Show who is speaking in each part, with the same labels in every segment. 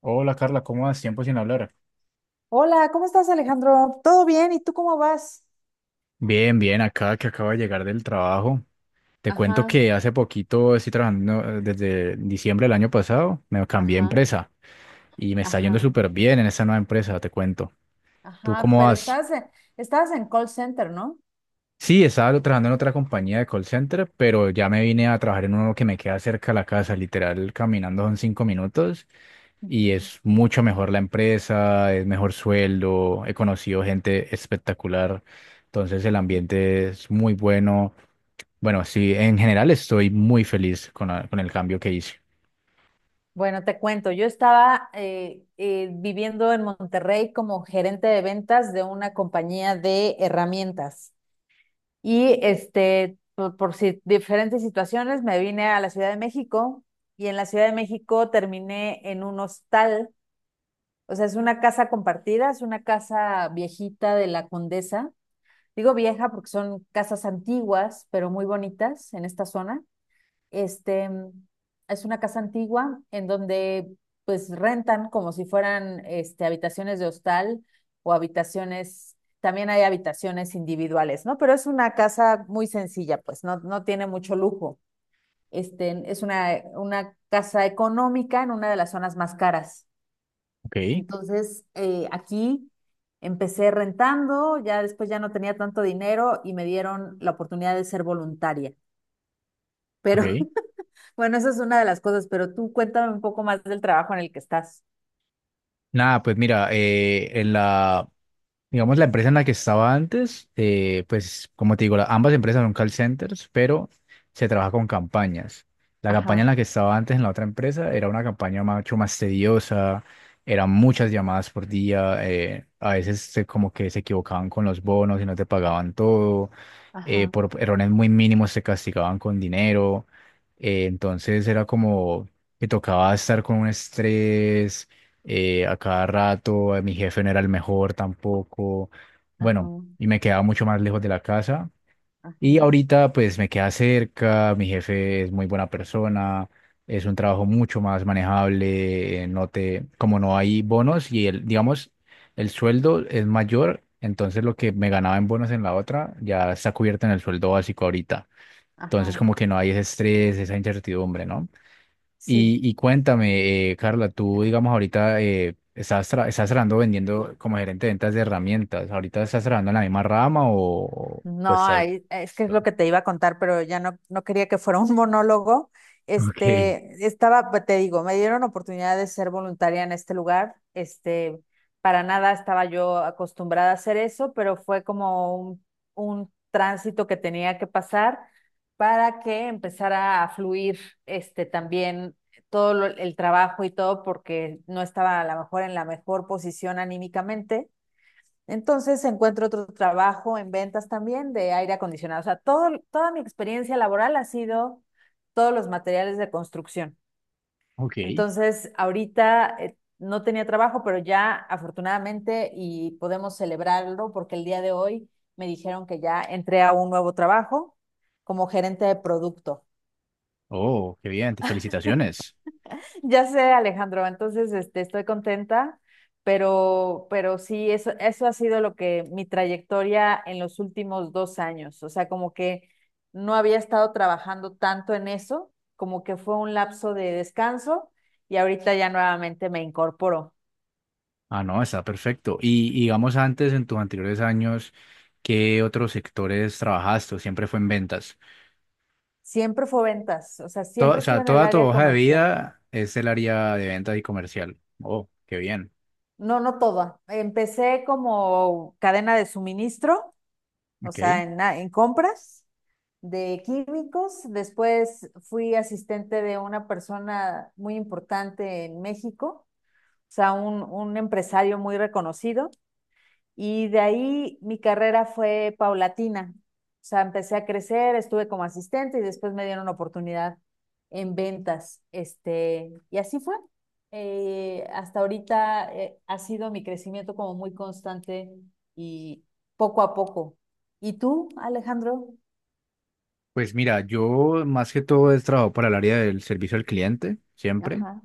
Speaker 1: Hola, Carla, ¿cómo vas? Tiempo sin hablar.
Speaker 2: Hola, ¿cómo estás, Alejandro? ¿Todo bien? ¿Y tú cómo vas?
Speaker 1: Bien, bien, acá que acabo de llegar del trabajo. Te cuento
Speaker 2: Ajá,
Speaker 1: que hace poquito estoy trabajando desde diciembre del año pasado, me cambié de
Speaker 2: ajá,
Speaker 1: empresa y me está yendo
Speaker 2: ajá,
Speaker 1: súper bien en esa nueva empresa, te cuento. ¿Tú
Speaker 2: ajá,
Speaker 1: cómo
Speaker 2: pero
Speaker 1: vas?
Speaker 2: estabas en call center, ¿no?
Speaker 1: Sí, estaba trabajando en otra compañía de call center, pero ya me vine a trabajar en uno que me queda cerca de la casa, literal, caminando son 5 minutos y
Speaker 2: Ujú,
Speaker 1: es mucho mejor la empresa, es mejor sueldo, he conocido gente espectacular, entonces el
Speaker 2: ujú.
Speaker 1: ambiente es muy bueno. Bueno, sí, en general estoy muy feliz con el cambio que hice.
Speaker 2: Bueno, te cuento, yo estaba viviendo en Monterrey como gerente de ventas de una compañía de herramientas. Y este, por diferentes situaciones, me vine a la Ciudad de México y en la Ciudad de México terminé en un hostal. O sea, es una casa compartida, es una casa viejita de la condesa. Digo vieja porque son casas antiguas, pero muy bonitas en esta zona. Este, es una casa antigua en donde pues rentan como si fueran este, habitaciones de hostal o habitaciones, también hay habitaciones individuales, ¿no? Pero es una casa muy sencilla, pues no, no tiene mucho lujo. Este, es una casa económica en una de las zonas más caras
Speaker 1: Ok,
Speaker 2: entonces, aquí empecé rentando, ya después ya no tenía tanto dinero y me dieron la oportunidad de ser voluntaria. Pero
Speaker 1: ok.
Speaker 2: bueno, esa es una de las cosas, pero tú cuéntame un poco más del trabajo en el que estás.
Speaker 1: Nada, pues mira, en la Digamos, la empresa en la que estaba antes, pues como te digo, ambas empresas son call centers, pero se trabaja con campañas. La campaña
Speaker 2: Ajá,
Speaker 1: en la que estaba antes en la otra empresa era una mucho más tediosa, eran muchas llamadas por día, a veces como que se equivocaban con los bonos y no te pagaban todo,
Speaker 2: ajá,
Speaker 1: por errores muy mínimos te castigaban con dinero, entonces era como que tocaba estar con un estrés a cada rato, mi jefe no era el mejor tampoco,
Speaker 2: ajá,
Speaker 1: bueno, y me quedaba mucho más lejos de la casa.
Speaker 2: ajá,
Speaker 1: Y ahorita pues me queda cerca, mi jefe es muy buena persona, es un trabajo mucho más manejable, no te, como no hay bonos y el, digamos, el sueldo es mayor, entonces lo que me ganaba en bonos en la otra ya está cubierto en el sueldo básico ahorita. Entonces
Speaker 2: ajá.
Speaker 1: como que no hay ese estrés, esa incertidumbre, ¿no?
Speaker 2: Sí.
Speaker 1: Y cuéntame, Carla, tú, digamos, ahorita estás trabajando vendiendo como gerente de ventas de herramientas. ¿Ahorita estás trabajando en la misma rama o
Speaker 2: No,
Speaker 1: pues estás...
Speaker 2: ay, es que es lo que te iba a contar, pero ya no, no quería que fuera un monólogo.
Speaker 1: Okay,
Speaker 2: Este, estaba, pues, te digo, me dieron oportunidad de ser voluntaria en este lugar. Este, para nada estaba yo acostumbrada a hacer eso, pero fue como un tránsito que tenía que pasar para que empezara a fluir, este, también el trabajo y todo, porque no estaba a lo mejor en la mejor posición anímicamente. Entonces encuentro otro trabajo en ventas también de aire acondicionado. O sea, toda mi experiencia laboral ha sido todos los materiales de construcción.
Speaker 1: okay.
Speaker 2: Entonces, ahorita no tenía trabajo, pero ya afortunadamente y podemos celebrarlo porque el día de hoy me dijeron que ya entré a un nuevo trabajo como gerente de producto.
Speaker 1: Oh, qué bien, felicitaciones.
Speaker 2: Ya sé, Alejandro, entonces este, estoy contenta, pero sí, eso ha sido lo que mi trayectoria en los últimos dos años, o sea, como que no había estado trabajando tanto en eso, como que fue un lapso de descanso y ahorita ya nuevamente me incorporo.
Speaker 1: Ah, no, está perfecto. Y digamos, antes, en tus anteriores años, ¿qué otros sectores trabajaste? ¿O siempre fue en ventas?
Speaker 2: Siempre fue ventas, o sea,
Speaker 1: O
Speaker 2: siempre estuve
Speaker 1: sea,
Speaker 2: en el
Speaker 1: toda tu
Speaker 2: área
Speaker 1: hoja de
Speaker 2: comercial.
Speaker 1: vida es el área de ventas y comercial. Oh, qué bien.
Speaker 2: No, no toda. Empecé como cadena de suministro, o sea,
Speaker 1: Ok.
Speaker 2: en compras de químicos, después fui asistente de una persona muy importante en México, o sea, un empresario muy reconocido, y de ahí mi carrera fue paulatina, o sea, empecé a crecer, estuve como asistente y después me dieron una oportunidad en ventas, este, y así fue. Hasta ahorita ha sido mi crecimiento como muy constante y poco a poco. ¿Y tú, Alejandro?
Speaker 1: Pues mira, yo más que todo he trabajado para el área del servicio al cliente, siempre.
Speaker 2: Ajá,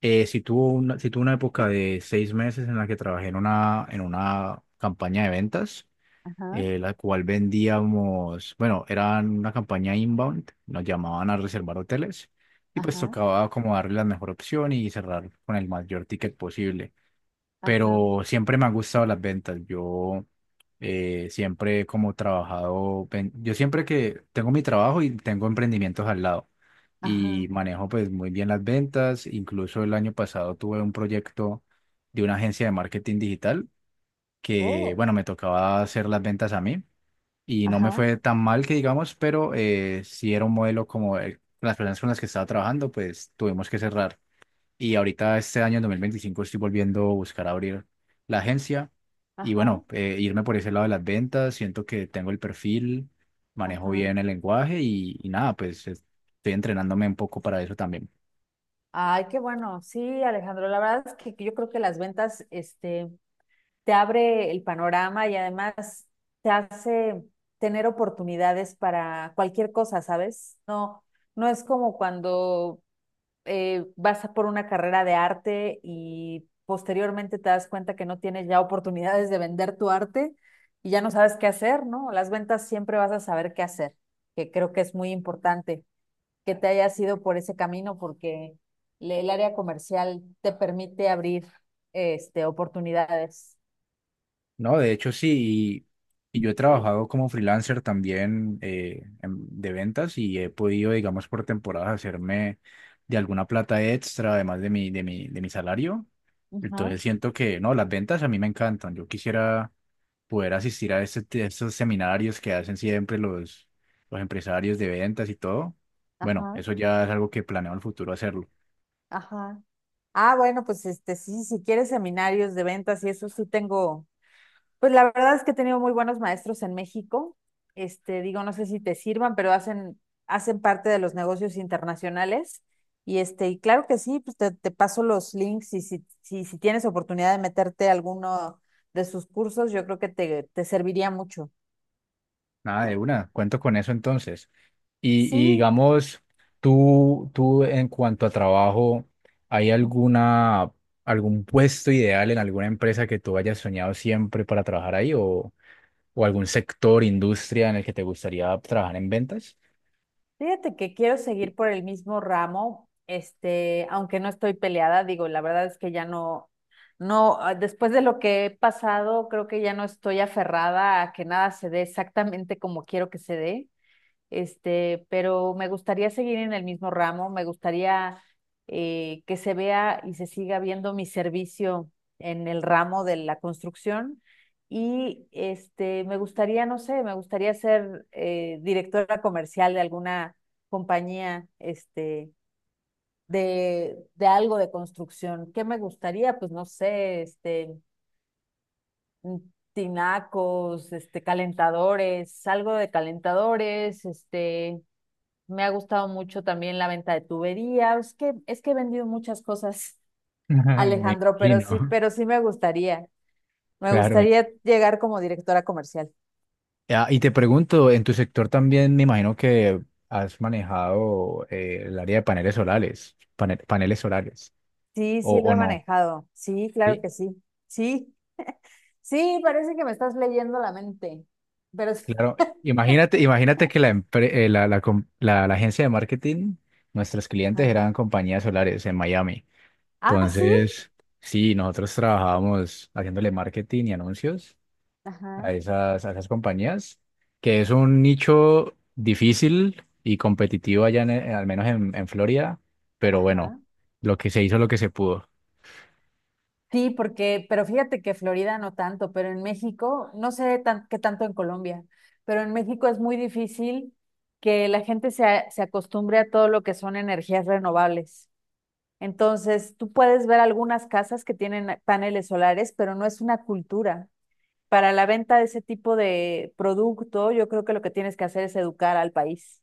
Speaker 1: Sí tuve una época de 6 meses en la que trabajé en una campaña de ventas,
Speaker 2: ajá.
Speaker 1: la cual vendíamos, bueno, era una campaña inbound, nos llamaban a reservar hoteles y pues
Speaker 2: Ajá,
Speaker 1: tocaba como darle la mejor opción y cerrar con el mayor ticket posible,
Speaker 2: ajá,
Speaker 1: pero siempre me han gustado las ventas. Yo siempre he como trabajado, yo siempre que tengo mi trabajo y tengo emprendimientos al lado
Speaker 2: ajá.
Speaker 1: y manejo pues muy bien las ventas. Incluso el año pasado tuve un proyecto de una agencia de marketing digital que,
Speaker 2: Oh,
Speaker 1: bueno, me tocaba hacer las ventas a mí y no me
Speaker 2: ajá,
Speaker 1: fue tan mal que digamos, pero sí era un modelo las personas con las que estaba trabajando, pues tuvimos que cerrar. Y ahorita este año, en 2025 estoy volviendo a buscar abrir la agencia y
Speaker 2: ajá,
Speaker 1: bueno, irme por ese lado de las ventas. Siento que tengo el perfil, manejo
Speaker 2: ajá.
Speaker 1: bien el lenguaje y nada, estoy entrenándome un poco para eso también.
Speaker 2: Ay, qué bueno. Sí, Alejandro, la verdad es que yo creo que las ventas, este, te abre el panorama y además te hace tener oportunidades para cualquier cosa, ¿sabes? No, no es como cuando vas por una carrera de arte y posteriormente te das cuenta que no tienes ya oportunidades de vender tu arte y ya no sabes qué hacer, ¿no? Las ventas siempre vas a saber qué hacer, que creo que es muy importante que te hayas ido por ese camino porque el área comercial te permite abrir este, oportunidades.
Speaker 1: No, de hecho sí, y yo he trabajado como freelancer también de ventas y he podido, digamos, por temporadas hacerme de alguna plata extra, además de mi salario.
Speaker 2: Ajá,
Speaker 1: Entonces siento que, no, las ventas a mí me encantan. Yo quisiera poder asistir a a estos seminarios que hacen siempre los empresarios de ventas y todo. Bueno,
Speaker 2: ajá,
Speaker 1: eso ya es algo que planeo en el futuro hacerlo.
Speaker 2: ajá. Ah, bueno, pues este sí, si quieres seminarios de ventas y eso sí tengo. Pues la verdad es que he tenido muy buenos maestros en México. Este, digo, no sé si te sirvan, hacen parte de los negocios internacionales. Y este, y claro que sí, pues te paso los links y si tienes oportunidad de meterte a alguno de sus cursos, yo creo que te serviría mucho.
Speaker 1: Nada de una, cuento con eso entonces. Y
Speaker 2: Sí.
Speaker 1: digamos, tú en cuanto a trabajo, ¿hay alguna, algún puesto ideal en alguna empresa que tú hayas soñado siempre para trabajar ahí o algún sector, industria en el que te gustaría trabajar en ventas?
Speaker 2: Fíjate que quiero seguir por el mismo ramo, este, aunque no estoy peleada, digo, la verdad es que ya no, no, ah, después de lo que he pasado, creo que ya no estoy aferrada a que nada se dé exactamente como quiero que se dé este, pero me gustaría seguir en el mismo ramo, me gustaría que se vea y se siga viendo mi servicio en el ramo de la construcción y este, me gustaría, no sé, me gustaría ser directora comercial de alguna compañía, este, de algo de construcción. ¿Qué me gustaría? Pues no sé, este, tinacos, este, calentadores, algo de calentadores, este, me ha gustado mucho también la venta de tubería. Es que he vendido muchas cosas,
Speaker 1: Me
Speaker 2: Alejandro,
Speaker 1: imagino,
Speaker 2: pero sí me gustaría. Me
Speaker 1: claro, me
Speaker 2: gustaría llegar como directora comercial.
Speaker 1: Ah, y te pregunto, en tu sector también me imagino que has manejado el área de paneles solares, paneles solares,
Speaker 2: Sí, sí lo
Speaker 1: o
Speaker 2: he
Speaker 1: no.
Speaker 2: manejado. Sí, claro
Speaker 1: Sí,
Speaker 2: que sí. Sí, sí, parece que me estás leyendo la mente. Pero sí.
Speaker 1: claro, imagínate, imagínate que la, empre- la, la com- la- la agencia de marketing, nuestros clientes
Speaker 2: Ajá.
Speaker 1: eran compañías solares en Miami.
Speaker 2: Ah, sí.
Speaker 1: Entonces, sí, nosotros trabajábamos haciéndole marketing y anuncios
Speaker 2: Ajá,
Speaker 1: a esas compañías, que es un nicho difícil y competitivo allá, al menos en Florida, pero bueno,
Speaker 2: ajá.
Speaker 1: lo que se hizo, lo que se pudo.
Speaker 2: Sí, porque, pero fíjate que Florida no tanto, pero en México, no sé tan- qué tanto en Colombia, pero en México es muy difícil que la gente se acostumbre a todo lo que son energías renovables. Entonces, tú puedes ver algunas casas que tienen paneles solares, pero no es una cultura. Para la venta de ese tipo de producto, yo creo que lo que tienes que hacer es educar al país.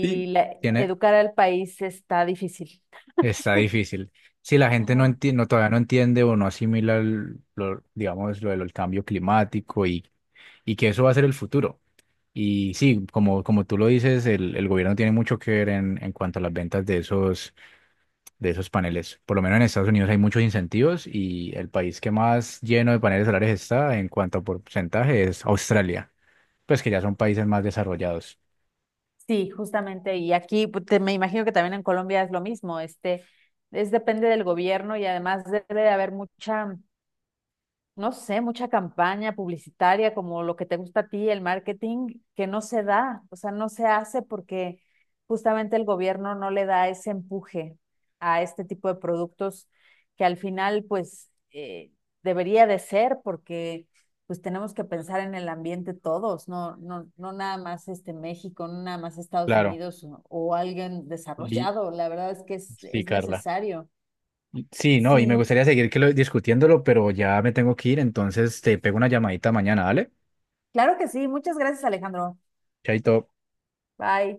Speaker 1: y Tiene,
Speaker 2: educar al país está difícil.
Speaker 1: está difícil. Si la gente no todavía no entiende o no asimila lo, digamos, lo del cambio climático y que eso va a ser el futuro. Y sí, como, como tú lo dices, el gobierno tiene mucho que ver en cuanto a las ventas de esos paneles. Por lo menos en Estados Unidos hay muchos incentivos y el país que más lleno de paneles solares está en cuanto a porcentaje es Australia, pues que ya son países más desarrollados.
Speaker 2: Sí, justamente. Y aquí me imagino que también en Colombia es lo mismo. Este, es depende del gobierno y además debe de haber mucha, no sé, mucha campaña publicitaria como lo que te gusta a ti, el marketing, que no se da, o sea, no se hace porque justamente el gobierno no le da ese empuje a este tipo de productos que al final, pues, debería de ser porque pues tenemos que pensar en el ambiente todos, no nada más este México, no nada más Estados
Speaker 1: Claro,
Speaker 2: Unidos o alguien
Speaker 1: Li-
Speaker 2: desarrollado, la verdad es que
Speaker 1: sí,
Speaker 2: es
Speaker 1: Carla.
Speaker 2: necesario.
Speaker 1: Sí, no, y me
Speaker 2: Sí,
Speaker 1: gustaría seguir que discutiéndolo, pero ya me tengo que ir, entonces te pego una llamadita mañana, ¿vale?
Speaker 2: claro que sí, muchas gracias Alejandro.
Speaker 1: Chaito.
Speaker 2: Bye.